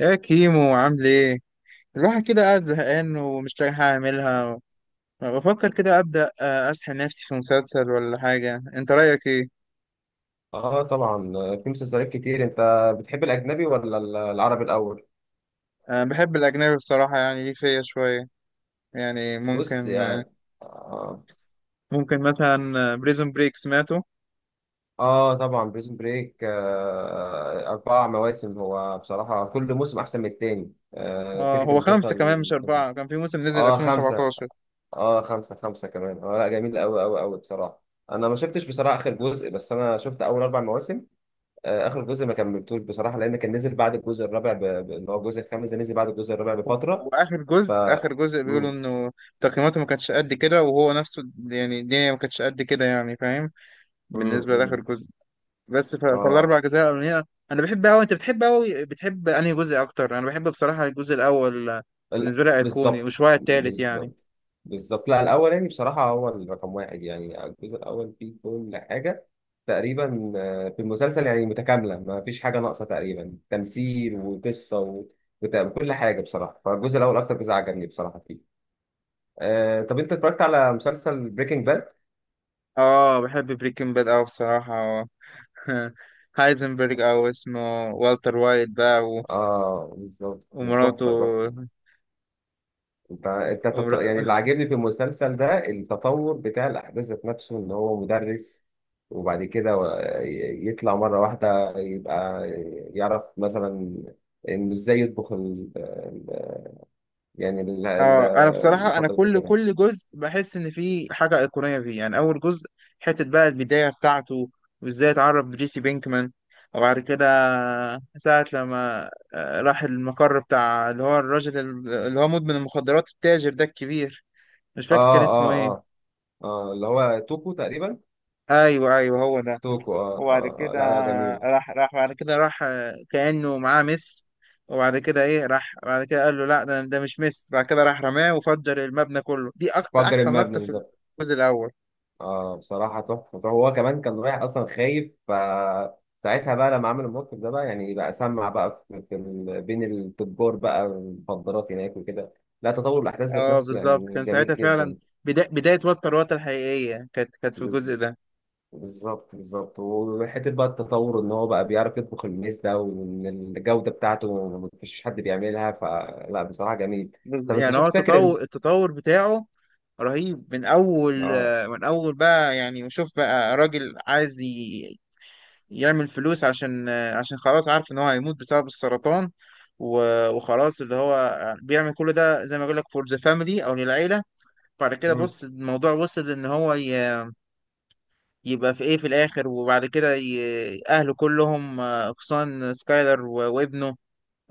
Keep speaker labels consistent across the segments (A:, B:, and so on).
A: يا كيمو عامل ايه؟ الواحد كده قاعد زهقان ومش لاقي حاجة اعملها. بفكر كده ابدأ اسحل نفسي في مسلسل ولا حاجة. انت رأيك ايه؟
B: اه طبعا، في مسلسلات كتير. انت بتحب الاجنبي ولا العربي الاول؟
A: أه، بحب الاجنبي بصراحة، يعني ليه فيا شوية. يعني
B: بص
A: ممكن.
B: يعني. اه,
A: ممكن مثلا بريزون بريك سمعته.
B: طبعا بريزون بريك، اربع مواسم. هو بصراحه كل موسم احسن من التاني.
A: اه
B: فكره
A: هو خمسة كمان مش
B: المسلسل.
A: أربعة، كان في موسم نزل
B: اه خمسه.
A: 2017.
B: اه خمسه، كمان. اه لا جميل قوي قوي بصراحه. انا ما شفتش بصراحه اخر جزء، بس انا شفت اول اربع مواسم. اخر جزء ما كملتوش بصراحه، لان كان نزل بعد الجزء الرابع اللي هو الجزء الخامس ده نزل بعد الجزء الرابع
A: و-
B: بفتره.
A: وآخر
B: ف
A: جزء آخر جزء بيقولوا
B: مم.
A: إنه تقييماته ما كانتش قد كده، وهو نفسه يعني الدنيا ما كانتش قد كده، يعني فاهم، بالنسبة لآخر
B: مم.
A: جزء. بس
B: اه.
A: فالاربع اجزاء الاولانيه انا بحب قوي. انت بتحب قوي، بتحب انهي جزء اكتر؟ انا بحب بصراحه الجزء الاول.
B: ال-
A: بالنسبه لي ايقوني
B: بالظبط
A: وشويه التالت يعني.
B: بالظبط. لا الاول يعني بصراحه هو الرقم واحد. يعني الجزء الاول فيه كل حاجه تقريبا، في المسلسل يعني متكامله، ما فيش حاجه ناقصه تقريبا. تمثيل وقصه وكل حاجه بصراحه. فالجزء الاول اكتر جزء عجبني بصراحه فيه. طب انت اتفرجت على مسلسل بريكنج باد؟
A: اه بحب بريكنج باد قوي بصراحه. هايزنبرج او اسمه والتر وايت بقى
B: اه بالظبط.
A: ومراته.
B: تحفه تحفه. انت
A: ومر...
B: يعني اللي عاجبني في المسلسل ده التطور بتاع الاحداث ذات نفسه، ان هو مدرس وبعد كده يطلع مره واحده يبقى يعرف مثلا انه ازاي يطبخ يعني
A: اه انا بصراحه انا
B: المفضل في
A: كل
B: كده.
A: كل جزء بحس ان فيه حاجه ايقونيه فيه. يعني اول جزء، حته بقى البدايه بتاعته، وازاي اتعرف بريسي بينكمان، وبعد كده ساعه لما راح المقر بتاع اللي هو الراجل اللي هو مدمن المخدرات التاجر ده الكبير. مش فاكر
B: اه
A: كان اسمه
B: اه
A: ايه.
B: اه اه اللي هو توكو تقريبا.
A: ايوه ايوه هو ده.
B: توكو،
A: وبعد كده
B: لا لا جميل.
A: راح بعد كده راح كأنه معاه ميس. وبعد كده ايه راح بعد كده قال له لا، ده مش ميس. بعد كده راح رماه وفجر المبنى كله. دي اكتر
B: فجر
A: احسن
B: المبنى.
A: لقطة في الجزء الاول.
B: اه بصراحة تحفة تحفة. هو كمان كان رايح أصلا خايف، فساعتها بقى لما عمل الموقف ده بقى يعني بقى سمع بقى في بين التجار بقى المخدرات هناك وكده. لا تطور الأحداث ذات
A: اه
B: نفسه
A: بالظبط
B: يعني
A: كان ساعتها
B: جميل
A: فعلا
B: جدا.
A: بدا بداية وتر الحقيقية، كانت في الجزء
B: بز-
A: ده.
B: بالظبط بالظبط. وحتة بقى التطور إن هو بقى بيعرف يطبخ الميز ده، وإن الجودة بتاعته مفيش حد بيعملها، فلا بصراحة جميل. طب أنت
A: يعني هو
B: شفت فاكر
A: التطور بتاعه رهيب من اول
B: اه؟
A: آه، من اول بقى. يعني شوف بقى راجل عايز يعمل فلوس عشان خلاص عارف ان هو هيموت بسبب السرطان. وخلاص اللي هو بيعمل كل ده زي ما بقول لك فور ذا فاميلي او للعيله. بعد كده
B: مم.
A: بص الموضوع وصل ان هو يبقى في ايه في الاخر. وبعد كده اهله كلهم اقصان سكايلر وابنه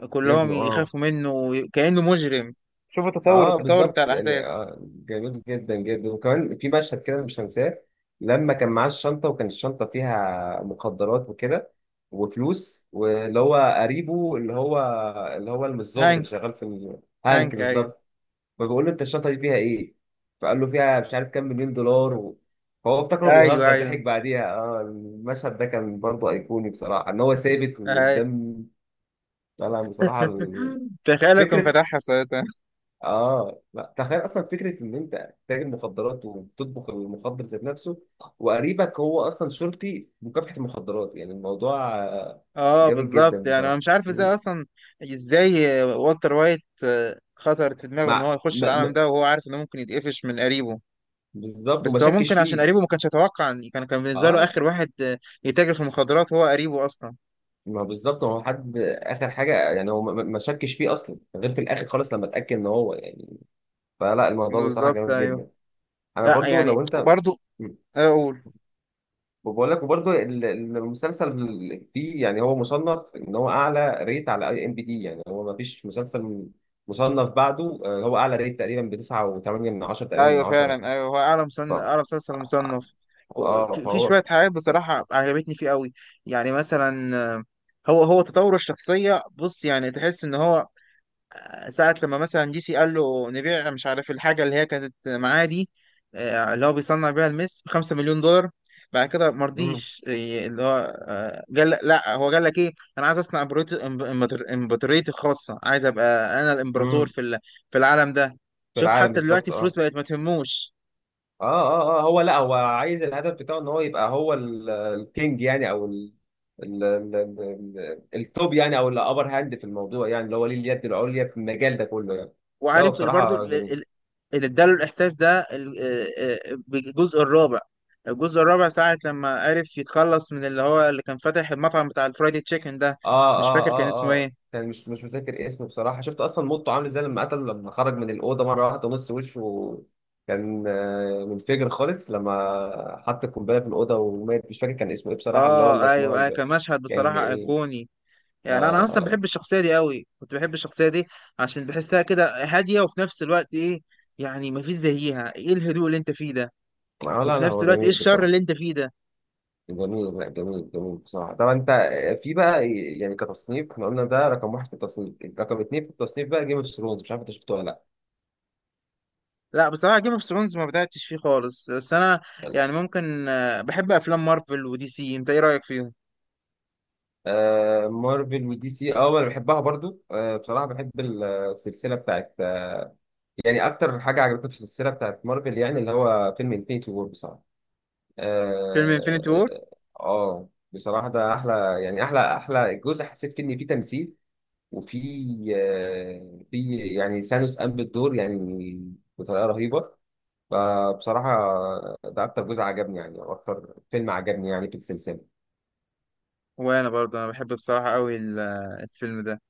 A: كلهم
B: ابنه اه.
A: يخافوا منه كانه مجرم. شوف التطور
B: اه
A: بتاع
B: بالظبط يعني،
A: الاحداث.
B: جميل جدا جدا. وكمان في مشهد كده مش هنساه، لما كان معاه الشنطه وكان الشنطه فيها مخدرات وكده وفلوس، واللي هو قريبه اللي هو اللي هو الظابط
A: هانك،
B: اللي شغال في هانك
A: هانك ايوه.
B: بالظبط. فبيقول له انت الشنطه دي فيها ايه؟ فقال له فيها مش عارف كام مليون دولار. فهو افتكره
A: ايوه
B: بيهزر،
A: ايوه,
B: ضحك بعديها. اه المشهد ده كان برضه ايقوني بصراحه، ان هو ثابت
A: أيوة.
B: وقدام طالع بصراحه.
A: تخيل لو كان
B: فكرة.
A: فتحها ساعتها.
B: اه لا، تخيل اصلا فكره ان انت تاجر مخدرات وبتطبخ المخدر ذات نفسه، وقريبك هو اصلا شرطي في مكافحه المخدرات. يعني الموضوع
A: اه
B: جامد
A: بالظبط،
B: جدا
A: يعني انا
B: بصراحه.
A: مش عارف
B: مم.
A: ازاي اصلا. ازاي والتر وايت خطرت في دماغه ان
B: مع
A: هو يخش
B: ما...
A: العالم
B: ما...
A: ده وهو عارف انه ممكن يتقفش من قريبه.
B: بالظبط وما
A: بس هو
B: شكش
A: ممكن عشان
B: فيه.
A: قريبه ما كانش يتوقع، كان بالنسبه له
B: اه.
A: اخر واحد يتاجر في المخدرات هو قريبه اصلا.
B: ما بالظبط، هو حد اخر حاجه يعني، هو ما شكش فيه اصلا غير في الاخر خالص، لما اتاكد ان هو يعني. فلا الموضوع بصراحه
A: بالظبط
B: جامد
A: ايوه.
B: جدا. انا
A: لا
B: برضو لو
A: يعني
B: انت.
A: برضو اقول.
B: وبقول لك وبرضه المسلسل فيه يعني، هو مصنف ان هو اعلى ريت على اي ام بي دي. يعني هو ما فيش مسلسل مصنف بعده. هو اعلى ريت تقريبا ب 9.8 من 10، تقريبا من
A: ايوه
B: 10.
A: فعلا، ايوه هو اعلى
B: ف
A: اعلى
B: اه
A: مسلسل مصنف. في
B: فهو
A: شويه حاجات بصراحه عجبتني فيه قوي. يعني مثلا، هو تطور الشخصيه، بص يعني تحس ان هو ساعة لما مثلا جي سي قال له نبيع مش عارف الحاجة اللي هي كانت معاه دي، اللي هو بيصنع بيها المس ب5 مليون دولار. بعد كده
B: مم.
A: مرضيش، اللي هو قال لا، هو قال لك ايه، انا عايز اصنع امبراطوريتي الخاصة، عايز ابقى انا الامبراطور
B: مم.
A: في في العالم ده.
B: في
A: شوف
B: العالم
A: حتى دلوقتي
B: بالظبط
A: الفلوس
B: اه.
A: بقت ما تهموش.
B: اه اه اه هو، لا هو عايز الهدف بتاعه ان هو يبقى هو الكينج يعني، او ال... التوب يعني، او الابر هاند في الموضوع يعني، اللي هو ليه اليد العليا في المجال ده كله يعني. لا هو
A: وعارف برضو
B: بصراحة جميل.
A: اللي اداله الاحساس ده، بالجزء الرابع. الجزء الرابع ساعة لما عرف يتخلص من اللي هو اللي كان فاتح المطعم بتاع الفرايدي تشيكن ده.
B: اه
A: مش فاكر كان اسمه ايه.
B: اه كان مش متذكر اسمه بصراحة. شفت أصلا موته عامل ازاي، لما قتل لما خرج من الأوضة مرة واحدة ونص وشه كان منفجر خالص، لما حط القنبلة في الأوضة ومات. مش فاكر كان اسمه ايه بصراحة، اللي هو
A: اه ايوه
B: الأسمراني
A: أيوة،
B: ده.
A: كان مشهد
B: كان
A: بصراحة
B: جميل.
A: ايقوني. يعني
B: اه
A: انا اصلا بحب
B: اه.
A: الشخصية دي قوي، كنت بحب الشخصية دي عشان بحسها كده هادية، وفي نفس الوقت ايه، يعني مفيش زيها. ايه الهدوء اللي انت فيه ده،
B: لا
A: وفي
B: لا
A: نفس
B: هو
A: الوقت ايه
B: جميل
A: الشر
B: بصراحة.
A: اللي انت فيه ده.
B: جميل لا جميل جميل بصراحة. طبعا أنت في بقى، يعني كتصنيف احنا قلنا ده رقم واحد في التصنيف، رقم اتنين في التصنيف بقى جيم اوف ثرونز، مش عارف أنت شفته ولا
A: لا بصراحة جيم اوف ثرونز ما بدأتش فيه خالص. بس أنا
B: لأ؟
A: يعني ممكن، بحب أفلام مارفل ودي سي، أنت إيه رأيك فيهم؟
B: مارفل ودي سي، اه انا بحبها برضو. بصراحه بحب السلسله بتاعت يعني. اكتر حاجه عجبتني في السلسله بتاعت مارفل يعني اللي هو فيلم انفينيتي وور بصراحه.
A: فيلم انفينيتي
B: اه.
A: وور.
B: بصراحه ده احلى، يعني احلى جزء حسيت فيه ان فيه تمثيل وفي في يعني سانوس قام بالدور يعني بطريقه رهيبه. فبصراحه ده اكتر جزء عجبني، يعني او اكتر فيلم عجبني يعني في السلسله.
A: وأنا برضه أنا بحب بصراحة أوي الفيلم ده.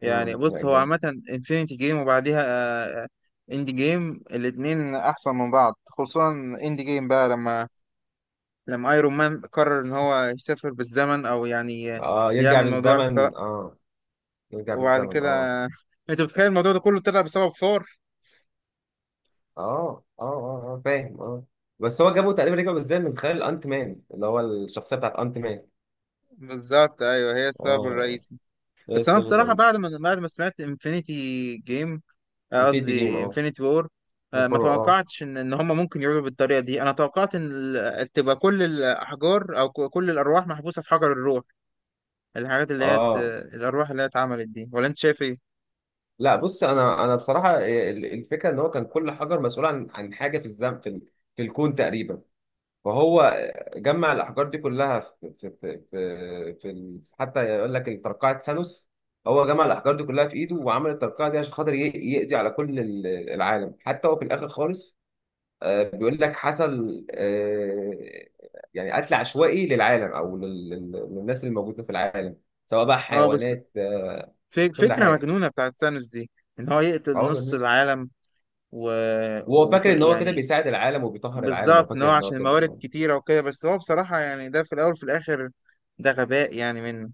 A: يعني
B: مم، لا،
A: بص هو
B: جامد.
A: عامة انفينيتي جيم وبعديها اند جيم، الاتنين أحسن من بعض، خصوصا اند جيم بقى لما ايرون مان قرر إن هو يسافر بالزمن، أو يعني
B: اه يرجع
A: يعمل موضوع اختراق.
B: بالزمن اه. يرجع
A: وبعد
B: بالزمن
A: كده أنت بتخيل الموضوع ده كله طلع بسبب ثور.
B: اه فاهم اه. بس هو جابه تقريبا، رجع بالزمن من خلال انت مان، اللي هو الشخصيه بتاعت انت مان.
A: بالظبط أيوه هي السبب
B: اه.
A: الرئيسي. بس انا
B: بس
A: بصراحه
B: بس
A: بعد ما سمعت انفينيتي جيم،
B: البيتي جيم
A: قصدي
B: اه.
A: انفينيتي وور، ما
B: الفرو اه.
A: توقعتش ان هم ممكن يعودوا بالطريقه دي. انا توقعت ان تبقى كل الاحجار، او كل الارواح محبوسه في حجر الروح، الحاجات اللي هي
B: اه
A: الارواح اللي هي اتعملت دي، ولا انت شايف ايه؟
B: لا بص، انا بصراحه الفكره ان هو كان كل حجر مسؤول عن حاجه في الزمن، في الكون تقريبا. فهو جمع الأحجار دي كلها في حتى يقول لك ترقعة ثانوس. هو جمع الأحجار دي كلها في إيده وعمل الترقعة دي عشان خاطر يقضي على كل العالم. حتى هو في الآخر خالص بيقول لك حصل، يعني قتل عشوائي للعالم أو للناس اللي موجودة في العالم، سواء بقى
A: اه بس
B: حيوانات كل
A: فكره
B: حاجة.
A: مجنونه بتاعت ثانوس دي ان هو يقتل نص
B: عمر.
A: العالم و...
B: وهو
A: وفي
B: فاكر إن هو كده
A: يعني
B: بيساعد العالم وبيطهر العالم، هو
A: بالظبط، ان
B: فاكر
A: هو
B: إن هو
A: عشان الموارد
B: كده.
A: كتيره وكده. بس هو بصراحه يعني ده في الاول وفي الاخر ده غباء يعني منه.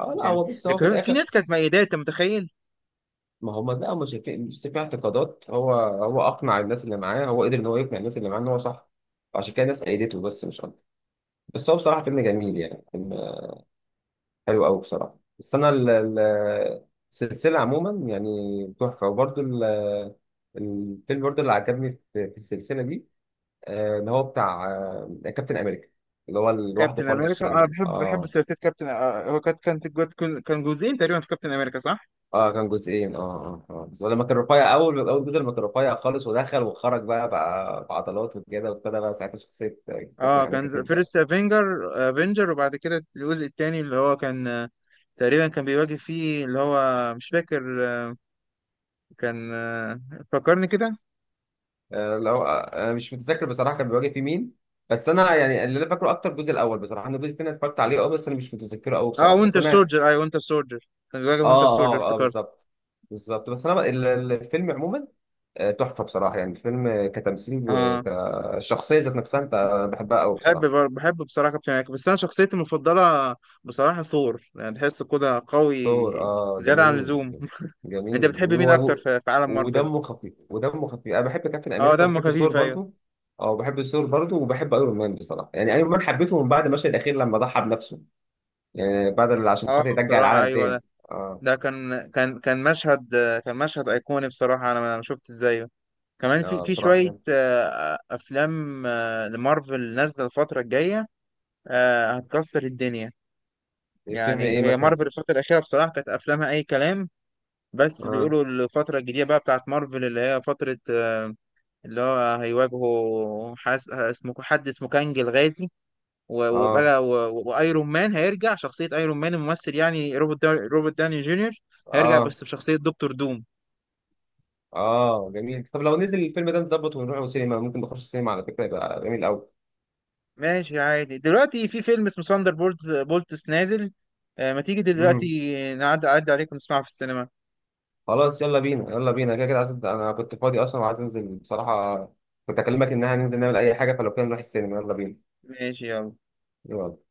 B: اه لا
A: يعني
B: هو بص،
A: ده
B: هو في
A: في
B: الآخر.
A: ناس كانت ميداه، انت متخيل؟
B: ما هم لا، مش في اعتقادات. هو هو اقنع الناس اللي معاه، هو قدر ان هو يقنع الناس اللي معاه ان هو صح، عشان كده الناس ايدته بس مش اكتر. بس هو بصراحه فيلم جميل، يعني فيلم حلو قوي بصراحه. بس انا السلسله عموما يعني تحفه. وبرده الفيلم برده اللي عجبني في في السلسله دي، اللي هو بتاع كابتن امريكا، اللي هو لوحده
A: كابتن
B: خالص
A: امريكا. انا
B: الشرير
A: بحب
B: اه.
A: ثلاثيه كابتن، هو كانت كان جزئين تقريبا في كابتن امريكا، صح؟
B: اه كان جزئين اه. اه اه. بس لما كان رفيع، اول جزء لما كان رفيع خالص ودخل وخرج بقى، بقى بعضلات وكده وابتدى بقى ساعتها شخصيه كابتن
A: اه
B: امريكا
A: كان
B: تبدا.
A: فيرست افنجر. افنجر وبعد كده الجزء الثاني اللي هو كان، تقريبا كان بيواجه فيه اللي هو مش فاكر، كان، فكرني كده.
B: لو انا مش متذكر بصراحه كان بيواجه في مين. بس انا يعني اللي انا فاكره اكتر الجزء الاول بصراحه. انا الجزء الثاني اتفرجت عليه اه، بس انا مش متذكره قوي
A: اه
B: بصراحه. بس
A: وينتر
B: انا.
A: سولجر، اي وينتر سولجر، كان بيواجه وينتر سولجر
B: اه
A: افتكرت.
B: بالظبط. بالظبط بس انا الفيلم عموما، تحفه بصراحه. يعني الفيلم كتمثيل
A: اه
B: وكشخصيه ذات نفسها، انت بحبها قوي
A: بحب
B: بصراحه.
A: بحب بصراحه كابتن امريكا. بس انا شخصيتي المفضله بصراحه ثور، يعني تحسه كده قوي
B: ثور اه
A: زياده عن
B: جميل.
A: اللزوم. انت
B: جميل
A: بتحب
B: جميل.
A: مين اكتر
B: هو
A: في عالم مارفل؟
B: ودمه خفيف، ودمه خفيف. انا بحب كابتن
A: اه
B: امريكا
A: دمه
B: وبحب
A: خفيف،
B: ثور
A: ايوه.
B: برضو. اه بحب ثور برضو، وبحب ايرون مان بصراحه. يعني ايرون مان حبيته من بعد المشهد الاخير لما ضحى بنفسه، يعني بعد اللي عشان
A: اه
B: خاطر يرجع
A: بصراحه
B: العالم
A: ايوه
B: تاني.
A: ده،
B: اه.
A: ده كان كان مشهد، كان مشهد ايقوني بصراحه، انا ما شفت ازاي. كمان في
B: اه بصراحه
A: شويه
B: كان.
A: افلام لمارفل نازله الفتره الجايه، هتكسر الدنيا.
B: الفيلم
A: يعني
B: ايه
A: هي
B: مثلا؟
A: مارفل الفتره الاخيره بصراحه كانت افلامها اي كلام. بس
B: اه
A: بيقولوا الفتره الجديده بقى بتاعت مارفل، اللي هي فتره، اللي هو هيواجهوا حاس اسمه حد اسمه كانج الغازي.
B: اه
A: وبقى وايرون مان هيرجع شخصية ايرون مان، الممثل يعني روبرت روبرت داني جونيور، هيرجع
B: اه
A: بس بشخصية دكتور دوم.
B: اه جميل. طب لو نزل الفيلم ده نظبط ونروح السينما، ممكن نخش السينما على فكره، يبقى جميل قوي.
A: ماشي عادي. دلوقتي في فيلم اسمه ساندر بولتس نازل، آه، ما تيجي دلوقتي أعدي عليك ونسمعه في السينما.
B: خلاص يلا بينا، يلا بينا. كده كده عايز، انا كنت فاضي اصلا وعايز انزل بصراحه، كنت اكلمك ان احنا ننزل نعمل اي حاجه، فلو كان نروح السينما يلا بينا.
A: ماشي يلا.
B: يلا.